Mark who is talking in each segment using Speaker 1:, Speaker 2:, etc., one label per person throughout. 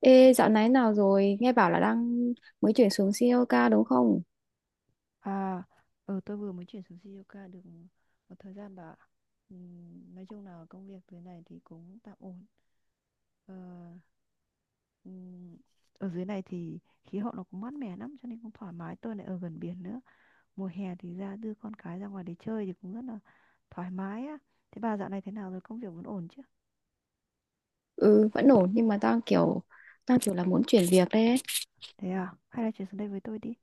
Speaker 1: Ê, dạo này nào rồi? Nghe bảo là đang mới chuyển xuống COK đúng không?
Speaker 2: À, tôi vừa mới chuyển xuống Sri Lanka được một thời gian bà ạ. Nói chung là công việc dưới này thì cũng tạm ổn. Ờ, ừm, Ở dưới này thì khí hậu nó cũng mát mẻ lắm cho nên cũng thoải mái. Tôi lại ở gần biển nữa. Mùa hè thì ra đưa con cái ra ngoài để chơi thì cũng rất là thoải mái á. Thế bà dạo này thế nào rồi? Công việc vẫn ổn chứ?
Speaker 1: Ừ, vẫn ổn nhưng mà đang kiểu là muốn chuyển việc ấy.
Speaker 2: Thế à? Hay là chuyển xuống đây với tôi đi.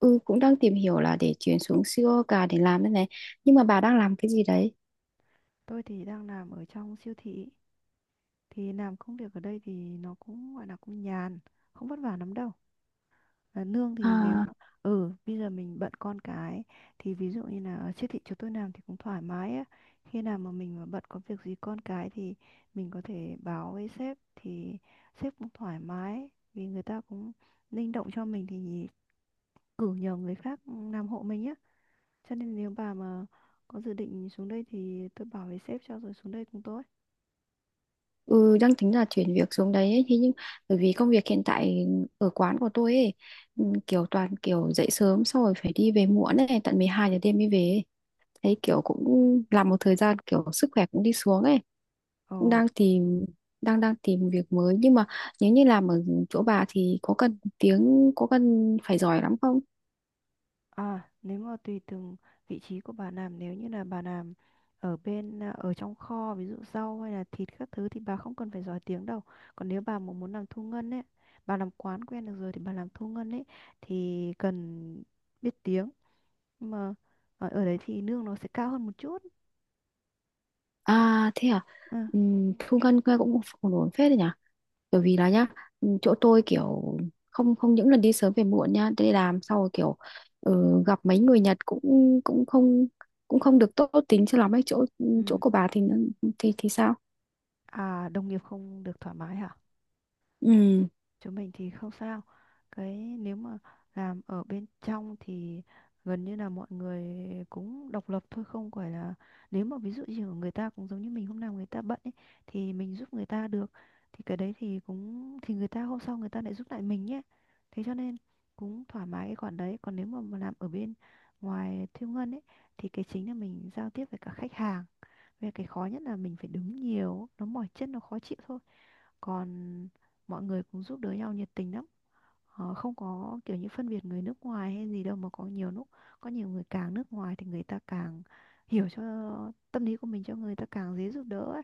Speaker 1: Ừ, cũng đang tìm hiểu là để chuyển xuống COK để làm đây này. Nhưng mà bà đang làm cái gì đấy?
Speaker 2: Tôi thì đang làm ở trong siêu thị. Thì làm công việc ở đây thì nó cũng gọi là cũng nhàn, không vất vả lắm đâu. Và nương thì nếu
Speaker 1: À,
Speaker 2: mà bây giờ mình bận con cái thì ví dụ như là ở siêu thị chỗ tôi làm thì cũng thoải mái á, khi nào mà mình mà bận có việc gì con cái thì mình có thể báo với sếp thì sếp cũng thoải mái vì người ta cũng linh động cho mình thì cử nhờ người khác làm hộ mình á, cho nên nếu bà mà có dự định xuống đây thì tôi bảo với sếp cho rồi xuống đây cùng tôi.
Speaker 1: ừ, đang tính là chuyển việc xuống đấy ấy. Thế nhưng bởi vì công việc hiện tại ở quán của tôi ấy,
Speaker 2: Ừ.
Speaker 1: ừ, kiểu toàn kiểu dậy sớm xong rồi phải đi về muộn ấy, tận 12 giờ đêm mới về ấy. Thấy kiểu cũng làm một thời gian kiểu sức khỏe cũng đi xuống ấy.
Speaker 2: Ồ.
Speaker 1: Cũng đang tìm đang đang tìm việc mới nhưng mà nếu như làm ở chỗ bà thì có cần phải giỏi lắm không?
Speaker 2: À, nếu mà tùy từng vị trí của bà làm, nếu như là bà làm ở bên ở trong kho ví dụ rau hay là thịt các thứ thì bà không cần phải giỏi tiếng đâu. Còn nếu bà mà muốn làm thu ngân ấy, bà làm quán quen được rồi thì bà làm thu ngân ấy thì cần biết tiếng. Nhưng mà ở đấy thì lương nó sẽ cao hơn một chút.
Speaker 1: À thế à.
Speaker 2: Ừ.
Speaker 1: Thu ngân nghe cũng ổn ổn phết đấy nhỉ, bởi vì là nhá, chỗ tôi kiểu không không những lần đi sớm về muộn nhá đi làm sau kiểu, ừ, gặp mấy người Nhật cũng cũng không cũng không được tốt tính cho lắm ấy. Chỗ chỗ
Speaker 2: Ừ.
Speaker 1: của bà thì thì sao?
Speaker 2: À, đồng nghiệp không được thoải mái hả?
Speaker 1: Ừ.
Speaker 2: Chúng mình thì không sao. Cái nếu mà làm ở bên trong thì gần như là mọi người cũng độc lập thôi, không phải là nếu mà ví dụ như ở người ta cũng giống như mình, hôm nào người ta bận ấy thì mình giúp người ta được thì cái đấy thì cũng thì người ta hôm sau người ta lại giúp lại mình nhé. Thế cho nên cũng thoải mái cái khoản đấy. Còn nếu mà làm ở bên ngoài thiêu ngân ấy thì cái chính là mình giao tiếp với cả khách hàng, về cái khó nhất là mình phải đứng nhiều, nó mỏi chân, nó khó chịu thôi. Còn mọi người cũng giúp đỡ nhau nhiệt tình lắm. Họ không có kiểu như phân biệt người nước ngoài hay gì đâu, mà có nhiều lúc có nhiều người càng nước ngoài thì người ta càng hiểu cho tâm lý của mình, cho người ta càng dễ giúp đỡ ấy.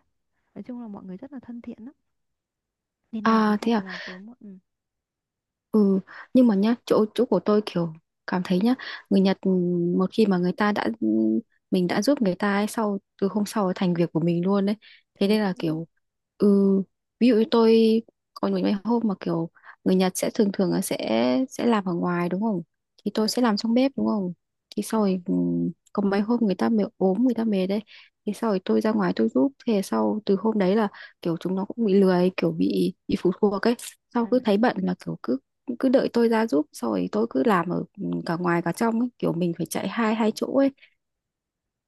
Speaker 2: Nói chung là mọi người rất là thân thiện lắm. Đi nào cũng
Speaker 1: À
Speaker 2: không
Speaker 1: thế à.
Speaker 2: phải là tối muộn. Ừ.
Speaker 1: Ừ, nhưng mà nhá, chỗ chỗ của tôi kiểu cảm thấy nhá, người Nhật ừ, một khi mà người ta đã, ừ, mình đã giúp người ta ấy, sau từ hôm sau ấy thành việc của mình luôn đấy. Thế
Speaker 2: Ế,
Speaker 1: nên là kiểu, ừ, ví dụ như tôi có những cái hôm mà kiểu người Nhật sẽ thường thường là sẽ làm ở ngoài đúng không? Thì tôi
Speaker 2: ờ,
Speaker 1: sẽ làm trong bếp đúng không? Thì sau
Speaker 2: à,
Speaker 1: rồi, ừ, có mấy hôm người ta mệt ốm người ta mệt đấy, thì sau rồi tôi ra ngoài tôi giúp, thế sau từ hôm đấy là kiểu chúng nó cũng bị lười kiểu bị phụ thuộc ấy, sau
Speaker 2: à.
Speaker 1: cứ thấy bận là kiểu cứ cứ đợi tôi ra giúp xong rồi tôi cứ làm ở, ừ, cả ngoài cả trong ấy. Kiểu mình phải chạy hai hai chỗ ấy.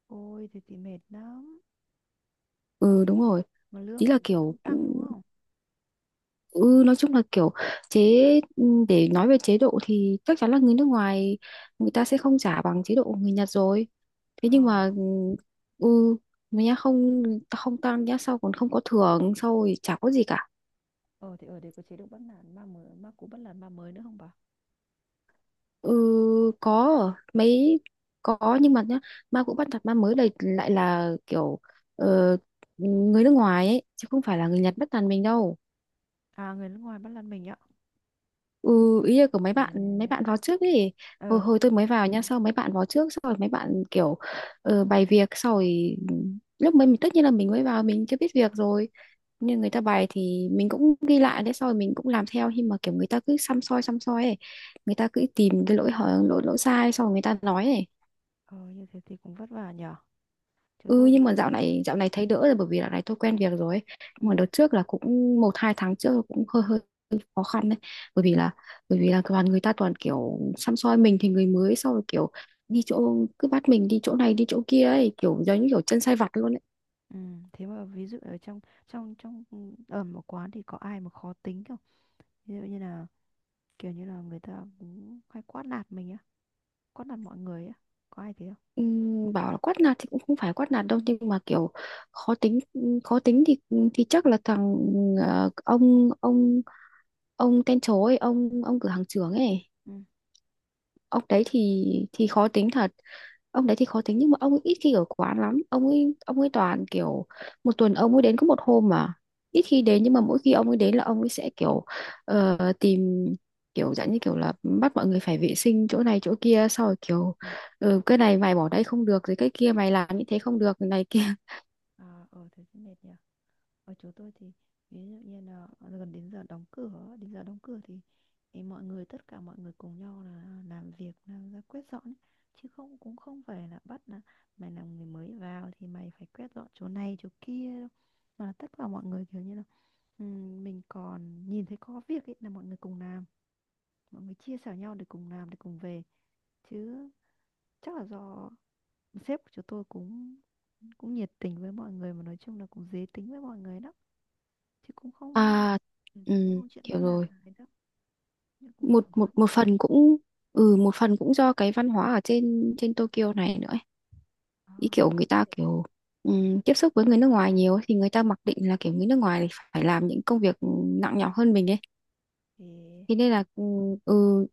Speaker 2: Ôi thì mệt lắm.
Speaker 1: Ừ đúng rồi.
Speaker 2: Mà lương
Speaker 1: Ý
Speaker 2: thì
Speaker 1: là
Speaker 2: lại không
Speaker 1: kiểu,
Speaker 2: tăng đúng không?
Speaker 1: ừ, nói chung là kiểu chế, ừ, để nói về chế độ thì chắc chắn là người nước ngoài người ta sẽ không trả bằng chế độ của người Nhật rồi, thế nhưng
Speaker 2: Ờ,
Speaker 1: mà, ừ, người nhá không không tăng nhá, sau còn không có thưởng sau rồi chả có gì cả.
Speaker 2: ờ thì ở đây có chế độ bắt nạt ma mới, ma cũ bắt nạt ma mới nữa không bà?
Speaker 1: Ừ, có mấy, có nhưng mà nhá, ma cũ bắt nạt ma mới đây lại là kiểu, ờ, người nước ngoài ấy chứ không phải là người Nhật bắt nạt mình đâu.
Speaker 2: À, người nước ngoài bắt làm mình ạ.
Speaker 1: Ừ, ý là của mấy bạn, mấy
Speaker 2: Ừ.
Speaker 1: bạn vào trước ấy.
Speaker 2: Ờ,
Speaker 1: Hồi hồi tôi mới vào nha, sau mấy bạn vào trước, sau rồi mấy bạn kiểu, bày việc sau rồi lúc mới mình tất nhiên là mình mới vào mình chưa biết việc rồi, nhưng người ta bày thì mình cũng ghi lại đấy, sau rồi mình cũng làm theo, nhưng mà kiểu người ta cứ xăm soi ấy, người ta cứ tìm cái lỗi hở lỗi lỗi sai sau rồi người ta nói ấy.
Speaker 2: ờ, như thế thì cũng vất vả nhở. Chứ
Speaker 1: Ừ
Speaker 2: tôi thì
Speaker 1: nhưng mà
Speaker 2: không.
Speaker 1: dạo này thấy đỡ rồi bởi vì dạo này tôi quen việc rồi ấy.
Speaker 2: Ừ.
Speaker 1: Nhưng mà đợt trước là cũng một hai tháng trước là cũng hơi hơi khó khăn đấy, bởi vì là bởi vì là toàn người ta toàn kiểu săm soi mình thì người mới sau rồi kiểu đi chỗ cứ bắt mình đi chỗ này đi chỗ kia ấy, kiểu giống như kiểu chân sai vặt luôn ấy.
Speaker 2: Ừ. Thế mà ví dụ ở trong trong trong ừ, ở một quán thì có ai mà khó tính không? Ví dụ như là kiểu như là người ta cũng hay quát nạt mình á, quát nạt mọi người á. Có ai thế không?
Speaker 1: Bảo là quát nạt thì cũng không phải quát nạt đâu nhưng mà kiểu khó tính, khó tính thì chắc là thằng, ông ông tên chó ấy, ông cửa hàng trưởng ấy.
Speaker 2: Ừ.
Speaker 1: Ông đấy thì khó tính thật. Ông đấy thì khó tính nhưng mà ông ấy ít khi ở quán lắm, ông ấy toàn kiểu một tuần ông ấy đến có một hôm mà, ít khi đến nhưng mà mỗi khi ông ấy đến là ông ấy sẽ kiểu, tìm kiểu dạng như kiểu là bắt mọi người phải vệ sinh chỗ này chỗ kia, sau rồi
Speaker 2: Ừ.
Speaker 1: kiểu,
Speaker 2: Ừ.
Speaker 1: ừ, cái này mày bỏ đây không được rồi cái kia mày làm như thế không được này kia
Speaker 2: À, ờ thế thì mệt nhỉ. Ở chỗ tôi thì ví dụ như là gần đến giờ đóng cửa, đến giờ đóng cửa thì mọi người tất cả mọi người cùng nhau là làm việc làm ra quét dọn ấy. Chứ không, cũng không phải là bắt là mày là người mới vào thì mày phải quét dọn chỗ này chỗ kia đâu, mà là tất cả mọi người kiểu như là, mình còn nhìn thấy có việc ấy là mọi người cùng làm, mọi người chia sẻ nhau để cùng làm để cùng về. Chứ chắc là do sếp của chúng tôi cũng cũng nhiệt tình với mọi người, mà nói chung là cũng dễ tính với mọi người đó, thì cũng không
Speaker 1: à
Speaker 2: ừ, cũng
Speaker 1: ừ,
Speaker 2: không chuyện bắt
Speaker 1: hiểu
Speaker 2: nạt
Speaker 1: rồi.
Speaker 2: gì đâu, nhưng cũng thoải
Speaker 1: Một một
Speaker 2: mái.
Speaker 1: một phần cũng, ừ một phần cũng do cái văn hóa ở trên trên Tokyo này nữa ấy.
Speaker 2: Ờ,
Speaker 1: Ý kiểu người ta
Speaker 2: thế
Speaker 1: kiểu, tiếp xúc với người nước ngoài nhiều ấy, thì người ta mặc định là kiểu người nước ngoài thì phải làm những công việc nặng nhọc hơn mình ấy.
Speaker 2: thì
Speaker 1: Thế nên là, ừ,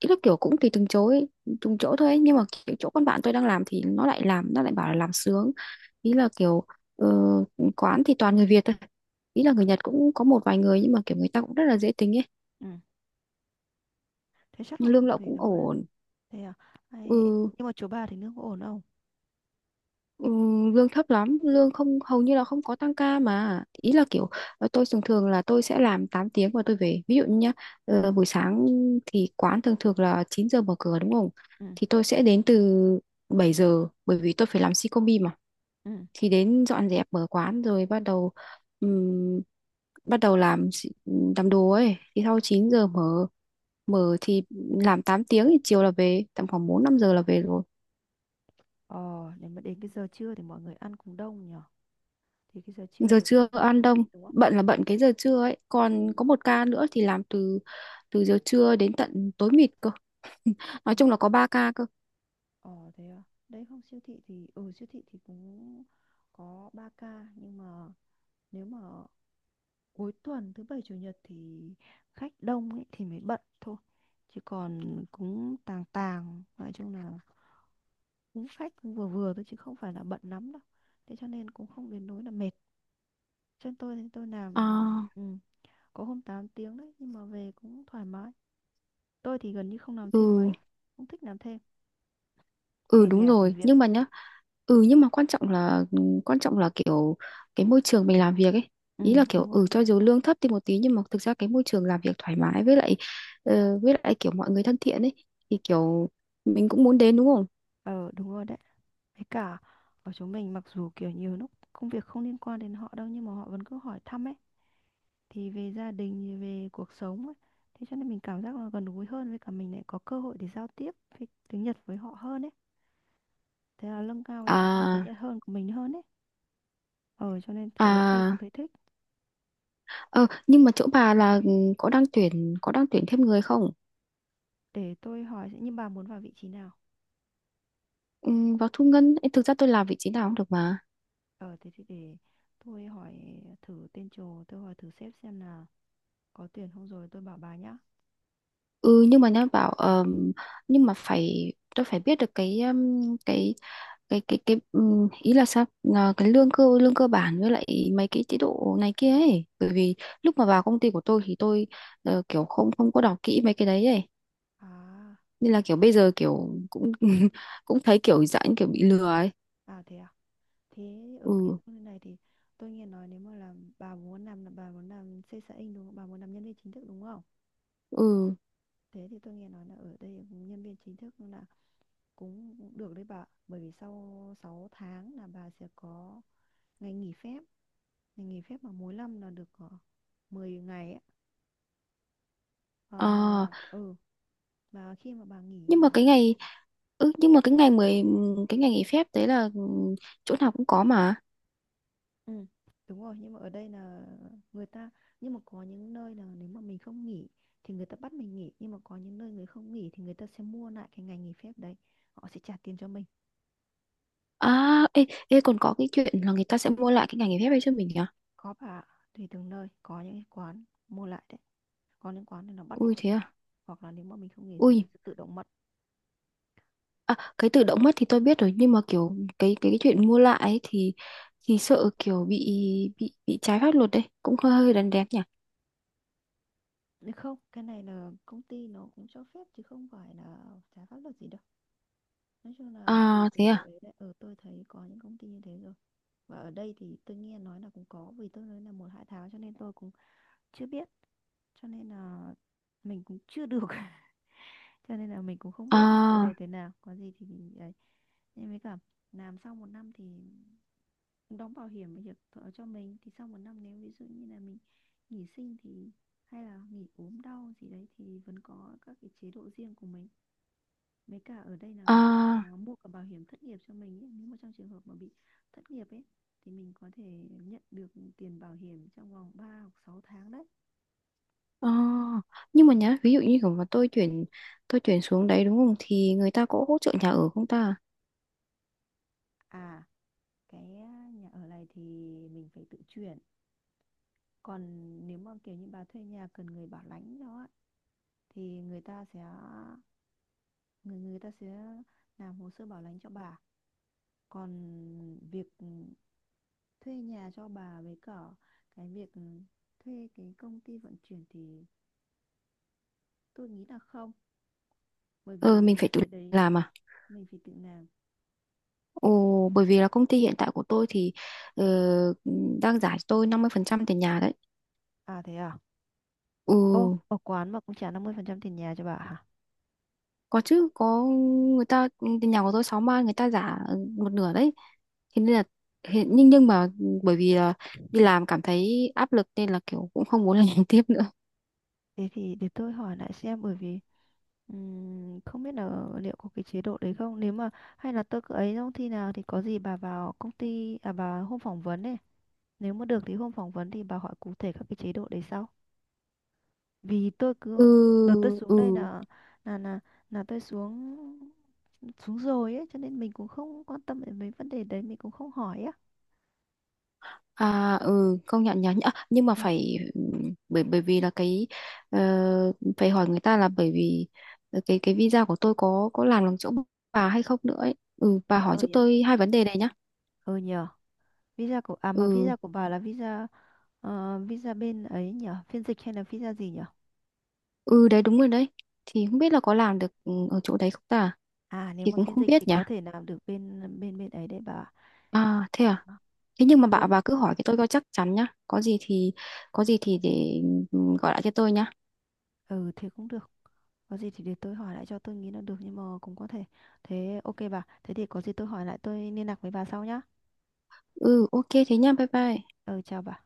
Speaker 1: ý là kiểu cũng tùy từng chỗ ấy, từng chỗ thôi ấy. Nhưng mà kiểu chỗ con bạn tôi đang làm thì nó lại bảo là làm sướng. Ý là kiểu, ờ, quán thì toàn người Việt thôi, ý là người Nhật cũng có một vài người nhưng mà kiểu người ta cũng rất là dễ tính ấy.
Speaker 2: ừ. Thế chắc là
Speaker 1: Nhưng lương
Speaker 2: cũng
Speaker 1: lậu
Speaker 2: tùy
Speaker 1: cũng
Speaker 2: được á.
Speaker 1: ổn.
Speaker 2: Thế à? Ai-
Speaker 1: Ừ.
Speaker 2: nhưng mà chỗ bà thì nước có ổn không?
Speaker 1: Ừ, lương thấp lắm, lương không hầu như là không có tăng ca mà, ý là kiểu, ờ, tôi thường thường là tôi sẽ làm 8 tiếng và tôi về, ví dụ như nhá, ờ, buổi sáng thì quán thường thường là 9 giờ mở cửa đúng không,
Speaker 2: Ừ.
Speaker 1: thì tôi sẽ đến từ 7 giờ bởi vì tôi phải làm si combi mà,
Speaker 2: Ừ.
Speaker 1: thì đến dọn dẹp mở quán rồi bắt đầu, ừm, bắt đầu làm làm đồ ấy, thì sau 9 giờ mở, mở thì làm 8 tiếng thì chiều là về tầm khoảng 4 5 giờ là về rồi.
Speaker 2: Ờ, nếu mà đến cái giờ trưa thì mọi người ăn cũng đông nhở, thì cái giờ trưa
Speaker 1: Giờ
Speaker 2: đấy cũng
Speaker 1: trưa ăn
Speaker 2: nhịn,
Speaker 1: đông,
Speaker 2: đúng không?
Speaker 1: bận là bận cái giờ trưa ấy,
Speaker 2: Ừ.
Speaker 1: còn có một ca nữa thì làm từ từ giờ trưa đến tận tối mịt cơ. Nói
Speaker 2: Ừ.
Speaker 1: chung là có ba ca cơ.
Speaker 2: Ờ thế à. Đấy không, siêu thị thì siêu thị thì cũng có 3 ca, nhưng mà nếu mà cuối tuần thứ bảy chủ nhật thì khách đông ấy thì mới bận thôi, chứ còn cũng tàng tàng, nói chung là cũng khách cũng vừa vừa thôi chứ không phải là bận lắm đâu, thế cho nên cũng không đến nỗi là mệt cho tôi. Thì tôi làm
Speaker 1: À,
Speaker 2: ừ, có hôm 8 tiếng đấy, nhưng mà về cũng thoải mái. Tôi thì gần như không làm thêm
Speaker 1: ừ.
Speaker 2: mấy, không thích làm thêm,
Speaker 1: Ừ
Speaker 2: về
Speaker 1: đúng
Speaker 2: nhà còn
Speaker 1: rồi
Speaker 2: việc.
Speaker 1: nhưng mà nhá, ừ nhưng mà quan trọng là kiểu cái môi trường mình làm việc ấy.
Speaker 2: Ừ
Speaker 1: Ý là
Speaker 2: đúng
Speaker 1: kiểu,
Speaker 2: rồi.
Speaker 1: ừ cho dù lương thấp thì một tí nhưng mà thực ra cái môi trường làm việc thoải mái, với lại, với lại kiểu mọi người thân thiện ấy, thì kiểu mình cũng muốn đến đúng không.
Speaker 2: Ờ đúng rồi đấy. Với cả ở chỗ mình, mặc dù kiểu nhiều lúc công việc không liên quan đến họ đâu, nhưng mà họ vẫn cứ hỏi thăm ấy, thì về gia đình về cuộc sống ấy. Thế cho nên mình cảm giác là gần gũi hơn, với cả mình lại có cơ hội để giao tiếp với tiếng Nhật với họ hơn ấy. Thế là nâng cao cái khả năng tiếng
Speaker 1: À.
Speaker 2: Nhật hơn của mình hơn ấy. Ờ, cho nên từ đấy tôi cũng
Speaker 1: À.
Speaker 2: thấy thích.
Speaker 1: Ờ, nhưng mà chỗ bà là, ừ, có đang tuyển, thêm người không?
Speaker 2: Để tôi hỏi sẽ như bà muốn vào vị trí nào?
Speaker 1: Ừ, vào thu ngân ấy, thực ra tôi làm vị trí nào cũng được mà.
Speaker 2: Ờ thế thì để tôi hỏi thử tên trồ, tôi hỏi thử sếp xem là có tuyển không rồi tôi bảo bà nhá.
Speaker 1: Ừ nhưng mà nhá bảo, nhưng mà phải, tôi phải biết được cái, cái cái, ý là sao, là cái lương cơ, lương cơ bản với lại mấy cái chế độ này kia ấy. Bởi vì lúc mà vào công ty của tôi thì tôi, kiểu không không có đọc kỹ mấy cái đấy ấy.
Speaker 2: À,
Speaker 1: Nên là kiểu bây giờ kiểu cũng cũng thấy kiểu dạng kiểu bị lừa ấy.
Speaker 2: à. Thế ở cái
Speaker 1: Ừ.
Speaker 2: công ty này thì tôi nghe nói nếu mà làm, bà muốn làm là bà muốn làm sales xã Inc đúng không? Bà muốn làm nhân viên chính thức đúng không?
Speaker 1: Ừ.
Speaker 2: Thế thì tôi nghe nói là ở đây nhân viên chính thức là cũng được đấy bà. Bởi vì sau 6 tháng là bà sẽ có ngày nghỉ phép. Ngày nghỉ phép mà mỗi năm là được 10 ngày ấy. Ờ,
Speaker 1: Ờ
Speaker 2: mà ừ mà khi mà bà nghỉ,
Speaker 1: nhưng mà cái ngày, nhưng mà cái ngày mười cái ngày nghỉ phép đấy là, ừ, chỗ nào cũng có mà.
Speaker 2: ừ đúng rồi, nhưng mà ở đây là người ta, nhưng mà có những nơi là nếu mà mình không nghỉ thì người ta bắt mình nghỉ, nhưng mà có những nơi người không nghỉ thì người ta sẽ mua lại cái ngày nghỉ phép đấy, họ sẽ trả tiền cho mình.
Speaker 1: À. Ê, còn có cái chuyện là người ta sẽ mua lại cái ngày nghỉ phép ấy cho mình nhỉ.
Speaker 2: Có bà ạ. Tùy từng nơi có những cái quán mua lại đấy, có liên quan nên là bắt buộc
Speaker 1: Ui thế
Speaker 2: phải nghỉ,
Speaker 1: à.
Speaker 2: hoặc là nếu mà mình không nghỉ thì mình
Speaker 1: Ui.
Speaker 2: sẽ tự động mất.
Speaker 1: À, cái tự động mất thì tôi biết rồi nhưng mà kiểu cái chuyện mua lại ấy thì sợ kiểu bị bị trái pháp luật đấy, cũng hơi hơi đần đét nhỉ.
Speaker 2: Nếu không cái này là công ty nó cũng cho phép chứ không phải là trái pháp luật gì đâu. Nói chung là tùy
Speaker 1: À thế
Speaker 2: từng cái
Speaker 1: à.
Speaker 2: ấy đấy, ờ tôi thấy có những công ty như thế rồi. Và ở đây thì tôi nghe nói là cũng có, vì tôi nói là một hai tháng cho nên tôi cũng chưa biết, cho nên là mình cũng chưa được cho nên là mình cũng không biết cụ
Speaker 1: À.
Speaker 2: thể thế nào, có gì thì mình ấy. Nhưng với cả làm sau một năm thì đóng bảo hiểm, bảo hiểm thọ cho mình, thì sau một năm nếu ví dụ như là mình nghỉ sinh thì hay là nghỉ ốm đau gì đấy thì vẫn có các cái chế độ riêng của mình. Mấy cả ở đây là có
Speaker 1: À.
Speaker 2: mua cả bảo hiểm thất nghiệp cho mình ấy, nếu mà trong trường hợp mà bị thất nghiệp ấy thì mình có thể nhận được tiền bảo hiểm trong vòng 3 hoặc 6 tháng đấy.
Speaker 1: À nhưng mà nhá, ví dụ như kiểu mà tôi chuyển, tôi chuyển xuống đấy đúng không thì người ta có hỗ trợ nhà ở không ta?
Speaker 2: À, cái nhà ở này thì mình phải tự chuyển. Còn nếu mà kiểu như bà thuê nhà cần người bảo lãnh cho á, thì người ta sẽ người người ta sẽ làm hồ sơ bảo lãnh cho bà. Còn việc thuê nhà cho bà, với cả cái việc thuê cái công ty vận chuyển thì tôi nghĩ là không, bởi
Speaker 1: Ờ mình
Speaker 2: vì
Speaker 1: phải tự
Speaker 2: cái đấy
Speaker 1: làm à?
Speaker 2: mình phải tự làm.
Speaker 1: Ồ, bởi vì là công ty hiện tại của tôi thì, ờ, đang giải cho tôi 50% tiền nhà đấy.
Speaker 2: À thế à.
Speaker 1: Ừ,
Speaker 2: Ô, ở quán mà cũng trả 50% tiền nhà cho bà hả?
Speaker 1: có chứ, có, người ta, tiền nhà của tôi 6 man người ta giả một nửa đấy. Thế nên là hiện, nhưng mà bởi vì là đi làm cảm thấy áp lực nên là kiểu cũng không muốn làm tiếp nữa.
Speaker 2: Thế thì để tôi hỏi lại xem, bởi vì không biết là liệu có cái chế độ đấy không, nếu mà hay là tôi cứ ấy trong khi nào thì có gì bà vào công ty, à bà hôm phỏng vấn ấy. Nếu mà được thì hôm phỏng vấn thì bà hỏi cụ thể các cái chế độ đấy sau. Vì tôi cứ
Speaker 1: Ừ.
Speaker 2: đợt tôi xuống
Speaker 1: Ừ.
Speaker 2: đây là là là tôi xuống, rồi ấy, cho nên mình cũng không quan tâm đến mấy vấn đề đấy, mình cũng không hỏi á.
Speaker 1: À ừ công nhận nhắn à, nhưng mà
Speaker 2: À,
Speaker 1: phải, bởi bởi vì là cái, ờ, phải hỏi người ta là bởi vì, ờ, cái visa của tôi có làm bằng chỗ bà hay không nữa ấy. Ừ bà
Speaker 2: à
Speaker 1: hỏi
Speaker 2: ờ
Speaker 1: giúp
Speaker 2: nhờ.
Speaker 1: tôi hai vấn đề này nhá.
Speaker 2: Ờ nhờ. Visa của, à mà
Speaker 1: Ừ
Speaker 2: visa của bà là visa visa bên ấy nhở, phiên dịch hay là visa gì nhở?
Speaker 1: ừ đấy đúng rồi đấy. Thì không biết là có làm được, ừ, ở chỗ đấy không ta?
Speaker 2: À nếu
Speaker 1: Thì
Speaker 2: mà
Speaker 1: cũng
Speaker 2: phiên
Speaker 1: không
Speaker 2: dịch thì
Speaker 1: biết nhỉ.
Speaker 2: có thể làm được bên bên bên ấy đấy bà. Ờ,
Speaker 1: À. Thế nhưng mà bà
Speaker 2: Tôi.
Speaker 1: bà cứ hỏi cái tôi coi chắc chắn nhá. Có gì thì, để, ừ, gọi lại cho tôi nhá.
Speaker 2: Ừ thế cũng được. Có gì thì để tôi hỏi lại, cho tôi nghĩ là được. Nhưng mà cũng có thể. Thế ok bà, thế thì có gì tôi hỏi lại tôi liên lạc với bà sau nhá.
Speaker 1: Ừ ok thế nhá. Bye bye.
Speaker 2: Ừ chào bà.